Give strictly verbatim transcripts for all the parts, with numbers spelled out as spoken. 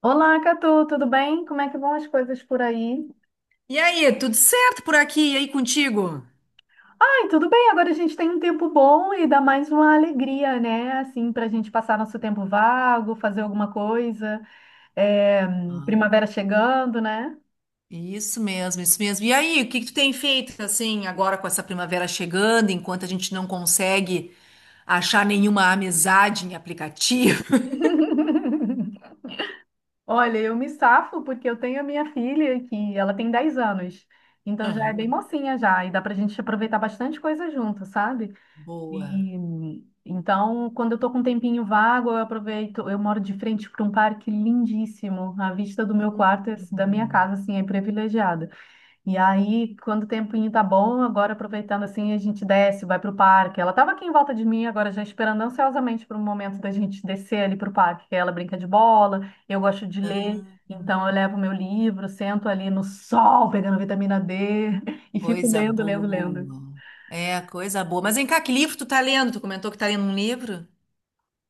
Olá, Catu, tudo bem? Como é que vão as coisas por aí? E aí, tudo certo por aqui? E aí contigo? Ai, tudo bem, agora a gente tem um tempo bom e dá mais uma alegria, né? Assim, para a gente passar nosso tempo vago, fazer alguma coisa. É, Ah, primavera chegando, né? isso mesmo, isso mesmo. E aí, o que que tu tem feito assim agora com essa primavera chegando, enquanto a gente não consegue achar nenhuma amizade em aplicativo? Olha, eu me safo porque eu tenho a minha filha que ela tem dez anos, então já é bem Aham. mocinha já, e dá pra gente aproveitar bastante coisa junto, sabe? Boa. E, então, quando eu tô com um tempinho vago, eu aproveito. Eu moro de frente para um parque lindíssimo. A vista do meu quarto, é- da minha Hum. casa, assim, é privilegiada. E aí, quando o tempinho tá bom, agora aproveitando assim, a gente desce, vai pro parque. Ela tava aqui em volta de mim, agora já esperando ansiosamente para o momento da gente descer ali pro parque, que ela brinca de bola, eu gosto de ler. Então eu levo meu livro, sento ali no sol, pegando vitamina dê e fico Coisa lendo, lendo, lendo. boa. É, coisa boa. Mas vem cá, que livro tu tá lendo? Tu comentou que tá lendo um livro?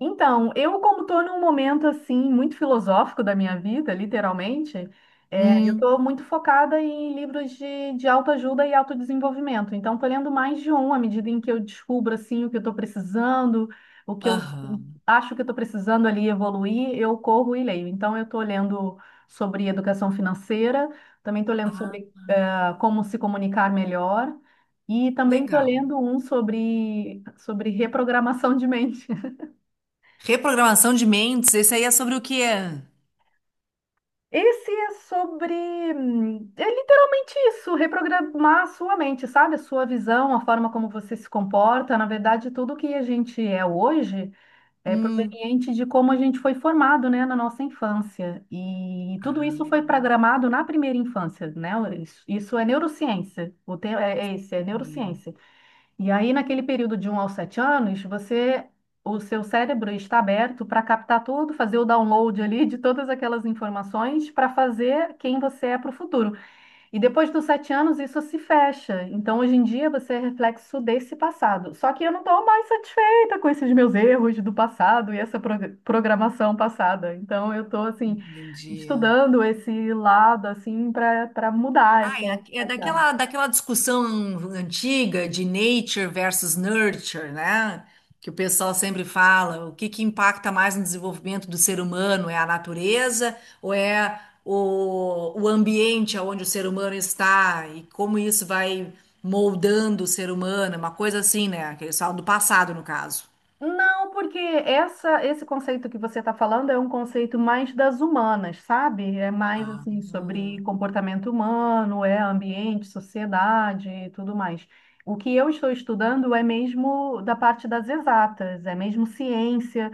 Então, eu como estou num momento assim muito filosófico da minha vida, literalmente, é, eu Hum, estou muito focada em livros de, de autoajuda e autodesenvolvimento. Então, estou lendo mais de um à medida em que eu descubro assim o que eu estou precisando, o que eu aham. acho que eu estou precisando ali evoluir, eu corro e leio. Então, eu estou lendo sobre educação financeira, também estou lendo Ah, sobre eh, como se comunicar melhor. E também estou legal. lendo um sobre, sobre reprogramação de mente. Reprogramação de mentes, esse aí é sobre o quê? Esse é sobre. hum, É literalmente isso, reprogramar a sua mente, sabe? A sua visão, a forma como você se comporta. Na verdade, tudo que a gente é hoje é Hum. proveniente de como a gente foi formado, né, na nossa infância. E tudo isso Ah, foi programado na primeira infância, né? Isso isso é neurociência. O tema é é esse, é é. neurociência. E aí, naquele período de um aos sete anos, você, o seu cérebro está aberto para captar tudo, fazer o download ali de todas aquelas informações para fazer quem você é para o futuro. E depois dos sete anos, isso se fecha. Então, hoje em dia, você é reflexo desse passado. Só que eu não estou mais satisfeita com esses meus erros do passado e essa prog- programação passada. Então, eu estou, assim, Entendi. estudando esse lado, assim, para para mudar essa Ah, é é realidade. daquela, daquela discussão antiga de nature versus nurture, né? Que o pessoal sempre fala, o que que impacta mais no desenvolvimento do ser humano? É a natureza ou é o, o ambiente onde o ser humano está e como isso vai moldando o ser humano? Uma coisa assim, né? Que eles falam do passado, no caso. Não, porque essa, esse conceito que você está falando é um conceito mais das humanas, sabe? É mais Ah, assim sobre comportamento humano, é ambiente, sociedade e tudo mais. O que eu estou estudando é mesmo da parte das exatas, é mesmo ciência,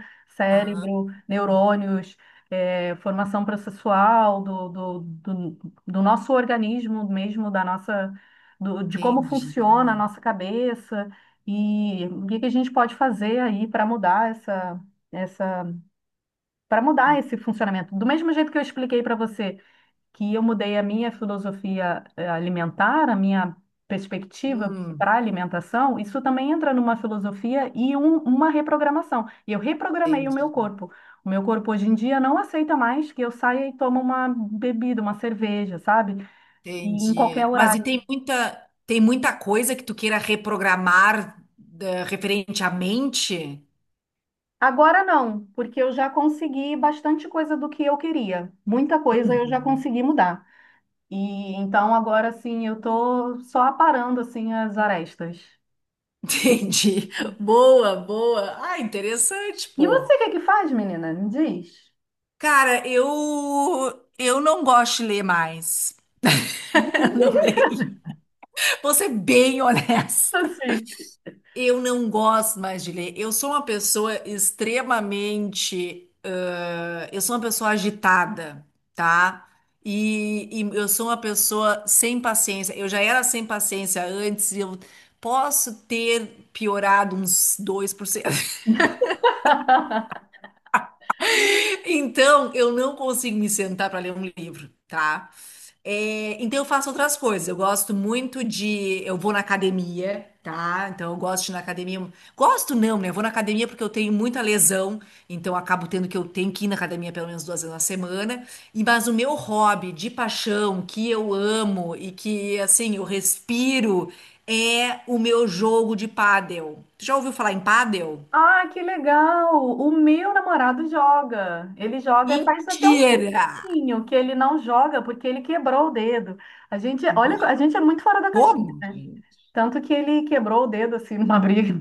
ah, cérebro, neurônios, é, formação processual do, do, do, do nosso organismo mesmo, da nossa, do- de como entendi. funciona a nossa cabeça. E o que que a gente pode fazer aí para mudar essa, essa, para mudar esse funcionamento? Do mesmo jeito que eu expliquei para você que eu mudei a minha filosofia eh, alimentar, a minha perspectiva Hum, para alimentação, isso também entra numa filosofia e um- uma reprogramação. E eu reprogramei o meu entendi. corpo. O meu corpo hoje em dia não aceita mais que eu saia e tome uma bebida, uma cerveja, sabe? E em Entendi. qualquer Mas e horário. tem muita, tem muita coisa que tu queira reprogramar, eh, referente à mente? Agora não, porque eu já consegui bastante coisa do que eu queria. Muita coisa eu já Uhum. consegui mudar. E então agora sim eu tô só aparando assim as arestas. Entendi. Boa, boa. Ah, interessante, E pô. você o que é que faz, menina? Me diz. Cara, eu eu não gosto de ler mais. Eu não leio. Vou ser bem honesta. Assim. Eu não gosto mais de ler. Eu sou uma pessoa extremamente. Ãh, eu sou uma pessoa agitada, tá? E, e eu sou uma pessoa sem paciência. Eu já era sem paciência antes, eu posso ter piorado uns dois por cento. Então, eu não consigo me sentar para ler um livro, tá? É, então, eu faço outras coisas. Eu gosto muito de. Eu vou na academia, tá? Então, eu gosto de ir na academia. Gosto não, né? Eu vou na academia porque eu tenho muita lesão. Então, eu acabo tendo que eu tenho que ir na academia pelo menos duas vezes na semana. E, mas o meu hobby de paixão, que eu amo e que, assim, eu respiro, é o meu jogo de pádel. Tu já ouviu falar em pádel? Ah, que legal! O meu namorado joga. Ele joga faz até um Mentira! tempinho que ele não joga porque ele quebrou o dedo. A gente, olha, Nossa, a gente é muito fora da caixinha, como? né? Tanto que ele quebrou o dedo assim numa briga.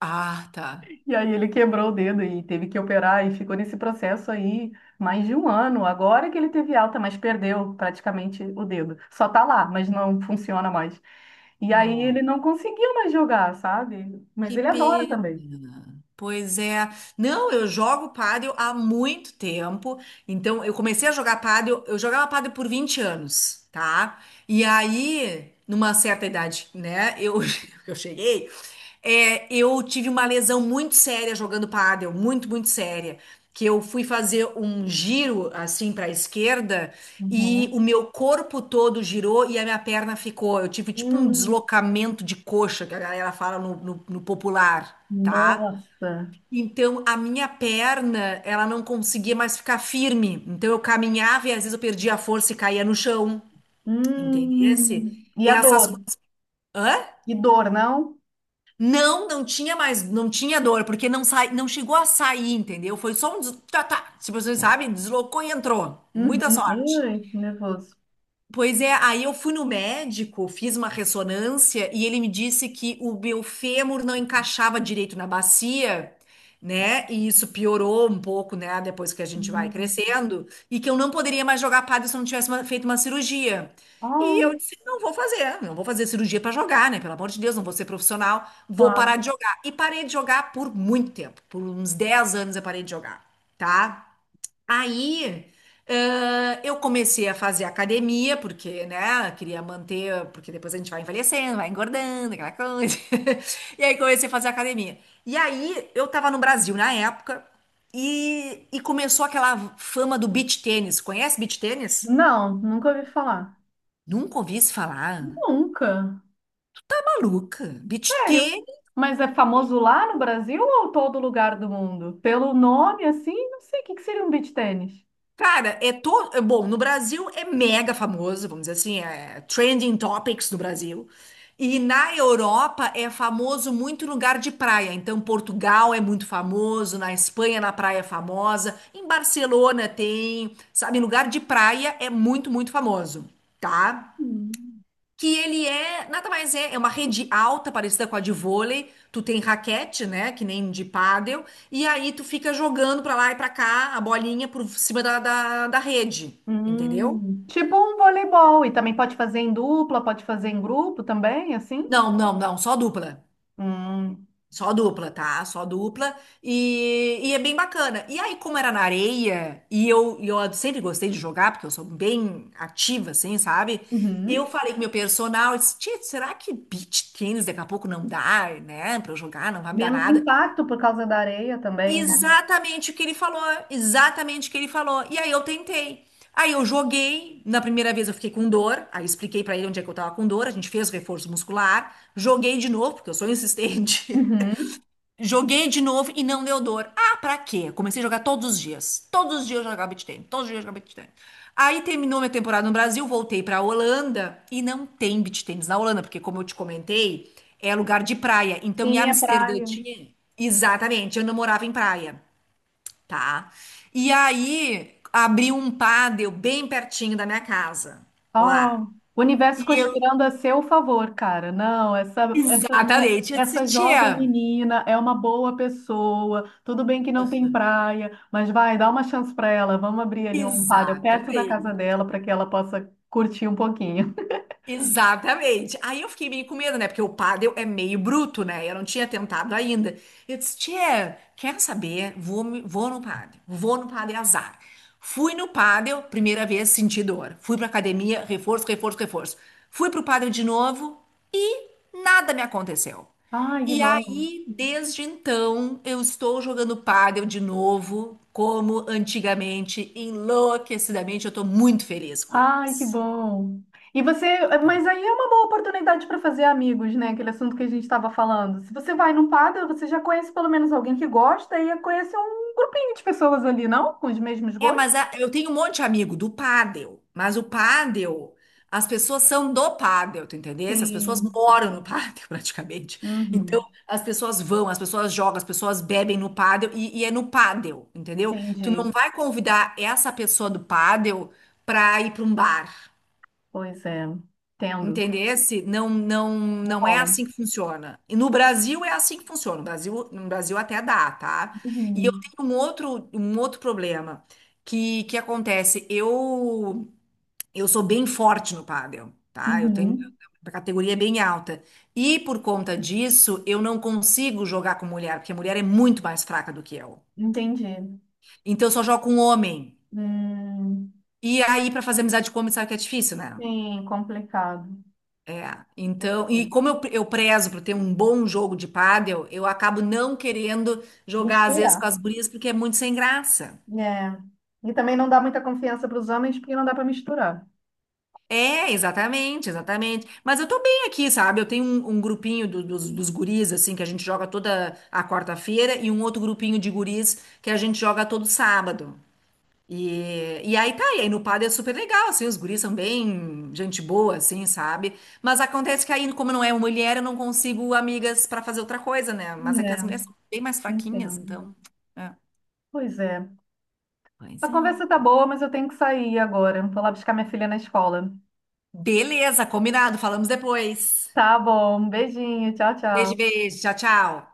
Ah, tá. E aí ele quebrou o dedo e teve que operar e ficou nesse processo aí mais de um ano. Agora que ele teve alta, mas perdeu praticamente o dedo. Só tá lá, mas não funciona mais. E aí Não, ele não conseguiu mais jogar, sabe? Mas que ele adora também. pena. Pois é. Não, eu jogo pádel há muito tempo. Então, eu comecei a jogar pádel, eu jogava pádel por vinte anos, tá? E aí, numa certa idade, né, eu, eu cheguei, é, eu tive uma lesão muito séria jogando pádel, muito, muito séria. Que eu fui fazer um giro assim para a esquerda e o Uhum. meu corpo todo girou e a minha perna ficou. Eu tive tipo um Hum, deslocamento de coxa, que a galera fala no, no, no popular, tá? nossa. Então a minha perna, ela não conseguia mais ficar firme. Então eu caminhava e às vezes eu perdia a força e caía no chão, entendesse? Hum. E E a essas dor? coisas. Hã? E dor, não? Não, não tinha mais, não tinha dor, porque não sai, não chegou a sair, entendeu? Foi só um, des- tá, tá, se vocês sabem, deslocou e entrou. Muita Uhum. sorte. Ai, nervoso. Pois é, aí eu fui no médico, fiz uma ressonância e ele me disse que o meu fêmur não encaixava direito na bacia, né? E isso piorou um pouco, né? Depois que a gente vai Hum. crescendo, e que eu não poderia mais jogar padel se eu não tivesse uma- feito uma cirurgia. E Ah, eu disse, não vou fazer, não vou fazer cirurgia pra jogar, né? Pelo amor de Deus, não vou ser profissional, vou claro. parar de jogar. E parei de jogar por muito tempo, por uns dez anos eu parei de jogar, tá? Aí, ãh, eu comecei a fazer academia, porque, né, eu queria manter, porque depois a gente vai envelhecendo, vai engordando, aquela coisa. E aí comecei a fazer academia. E aí, eu tava no Brasil na época, e, e começou aquela fama do beach tênis. Conhece beach tênis? Não, nunca ouvi falar. Nunca ouvi se falar. Nunca. Maluca, beach Sério? tênis. Mas é famoso lá no Brasil ou todo lugar do mundo? Pelo nome, assim, não sei o que que seria um beach tênis. Cara, é todo. Bom, no Brasil é mega famoso, vamos dizer assim, é trending topics no Brasil. E na Europa é famoso muito em lugar de praia. Então, Portugal é muito famoso, na Espanha, na praia é famosa, em Barcelona tem, sabe, em lugar de praia é muito, muito famoso, tá? Hum. Que ele é, nada mais é, é uma rede alta, parecida com a de vôlei, tu tem raquete, né, que nem de pádel, e aí tu fica jogando pra lá e pra cá a bolinha por cima da, da, da rede, entendeu? Hum, tipo um voleibol, e também pode fazer em dupla, pode fazer em grupo também, assim? Não, não, não, só dupla. Hum, Só dupla, tá? Só dupla. E, e é bem bacana. E aí, como era na areia, e eu, e eu sempre gostei de jogar, porque eu sou bem ativa, assim, sabe? uhum. Eu falei com meu personal, eu disse, "Tchê, será que beach tênis daqui a pouco não dá, né? Pra eu jogar, não vai me dar Menos nada. impacto por causa da areia também, né? Exatamente o que ele falou, exatamente o que ele falou. E aí eu tentei. Aí eu joguei, na primeira vez eu fiquei com dor, aí expliquei pra ele onde é que eu tava com dor, a gente fez o reforço muscular, joguei de novo, porque eu sou insistente. Uhum. Joguei de novo e não deu dor. Ah, pra quê? Comecei a jogar todos os dias. Todos os dias eu jogava beach tennis, todos os dias eu jogava beach tennis. Aí terminou minha temporada no Brasil, voltei pra Holanda e não tem beach tennis na Holanda, porque como eu te comentei, é lugar de praia. Então em Sim, é Amsterdã praia. tinha Exatamente, eu não morava em praia, tá? E aí abriu um pádel bem pertinho da minha casa, Ó, lá. o universo E eu, conspirando a seu favor, cara. Não, essa, essa minha, exatamente, eu disse, essa jovem tia, menina é uma boa pessoa. Tudo bem que não tem praia, mas vai, dá uma chance pra ela. Vamos abrir ali um paddle perto da casa exatamente. dela para que ela possa curtir um pouquinho. Exatamente. Aí eu fiquei meio com medo, né? Porque o pádel é meio bruto, né? Eu não tinha tentado ainda. Eu disse, tia, quer saber? Vou, me- vou no pádel. Vou no pádel azar. Fui no pádel, primeira vez senti dor. Fui pra academia, reforço, reforço, reforço. Fui pro pádel de novo e nada me aconteceu. Ai, que E bom. aí, desde então, eu estou jogando pádel de novo, como antigamente, enlouquecidamente. Eu estou muito feliz com Ai, que isso. bom. E você, mas aí é uma boa oportunidade para fazer amigos, né? Aquele assunto que a gente estava falando. Se você vai num paddle, você já conhece pelo menos alguém que gosta e conhece um grupinho de pessoas ali, não? Com os mesmos É, mas gostos. a- eu tenho um monte de amigo do pádel, mas o pádel, as pessoas são do pádel, tu entendesse? As pessoas Sim. moram no pádel praticamente. Então, Uhum. as pessoas vão, as pessoas jogam, as pessoas bebem no pádel e, e é no pádel, entendeu? Tu não Entendi. vai convidar essa pessoa do pádel pra ir pra um bar. Pois é. Entendo. Entendesse? Não, não, Não não é rola. assim que funciona. E no Brasil é assim que funciona. No Brasil, no Brasil até dá, tá? E eu Uhum. tenho um outro, um outro problema que, que acontece. Eu, eu sou bem forte no pádel, tá? Eu tenho Uhum. a categoria é bem alta. E por conta disso, eu não consigo jogar com mulher, porque a mulher é muito mais fraca do que eu. Entendi. Então eu só jogo com homem. Hum. E aí, pra fazer amizade com homem, sabe que é difícil, né? Sim, complicado. É, Pois então, é. e como eu, eu prezo por ter um bom jogo de pádel, eu acabo não querendo jogar às vezes Misturar. com as gurias porque é muito sem graça. É. E também não dá muita confiança para os homens porque não dá para misturar. É, exatamente, exatamente. Mas eu tô bem aqui, sabe? Eu tenho um, um grupinho do- dos, dos guris, assim, que a gente joga toda a quarta-feira, e um outro grupinho de guris que a gente joga todo sábado. E, e aí tá, e aí no padre é super legal, assim, os guris são bem gente boa, assim, sabe? Mas acontece que aí, como não é uma mulher, eu não consigo amigas pra fazer outra coisa, né? Mas é que É, as mulheres são bem mais fraquinhas, entendo. então. É. Pois é. A Pois é. conversa tá boa, mas eu tenho que sair agora. Vou lá buscar minha filha na escola. Beleza, combinado, falamos depois. Tá bom. Um beijinho. Tchau, Beijo, tchau. beijo, tchau, tchau.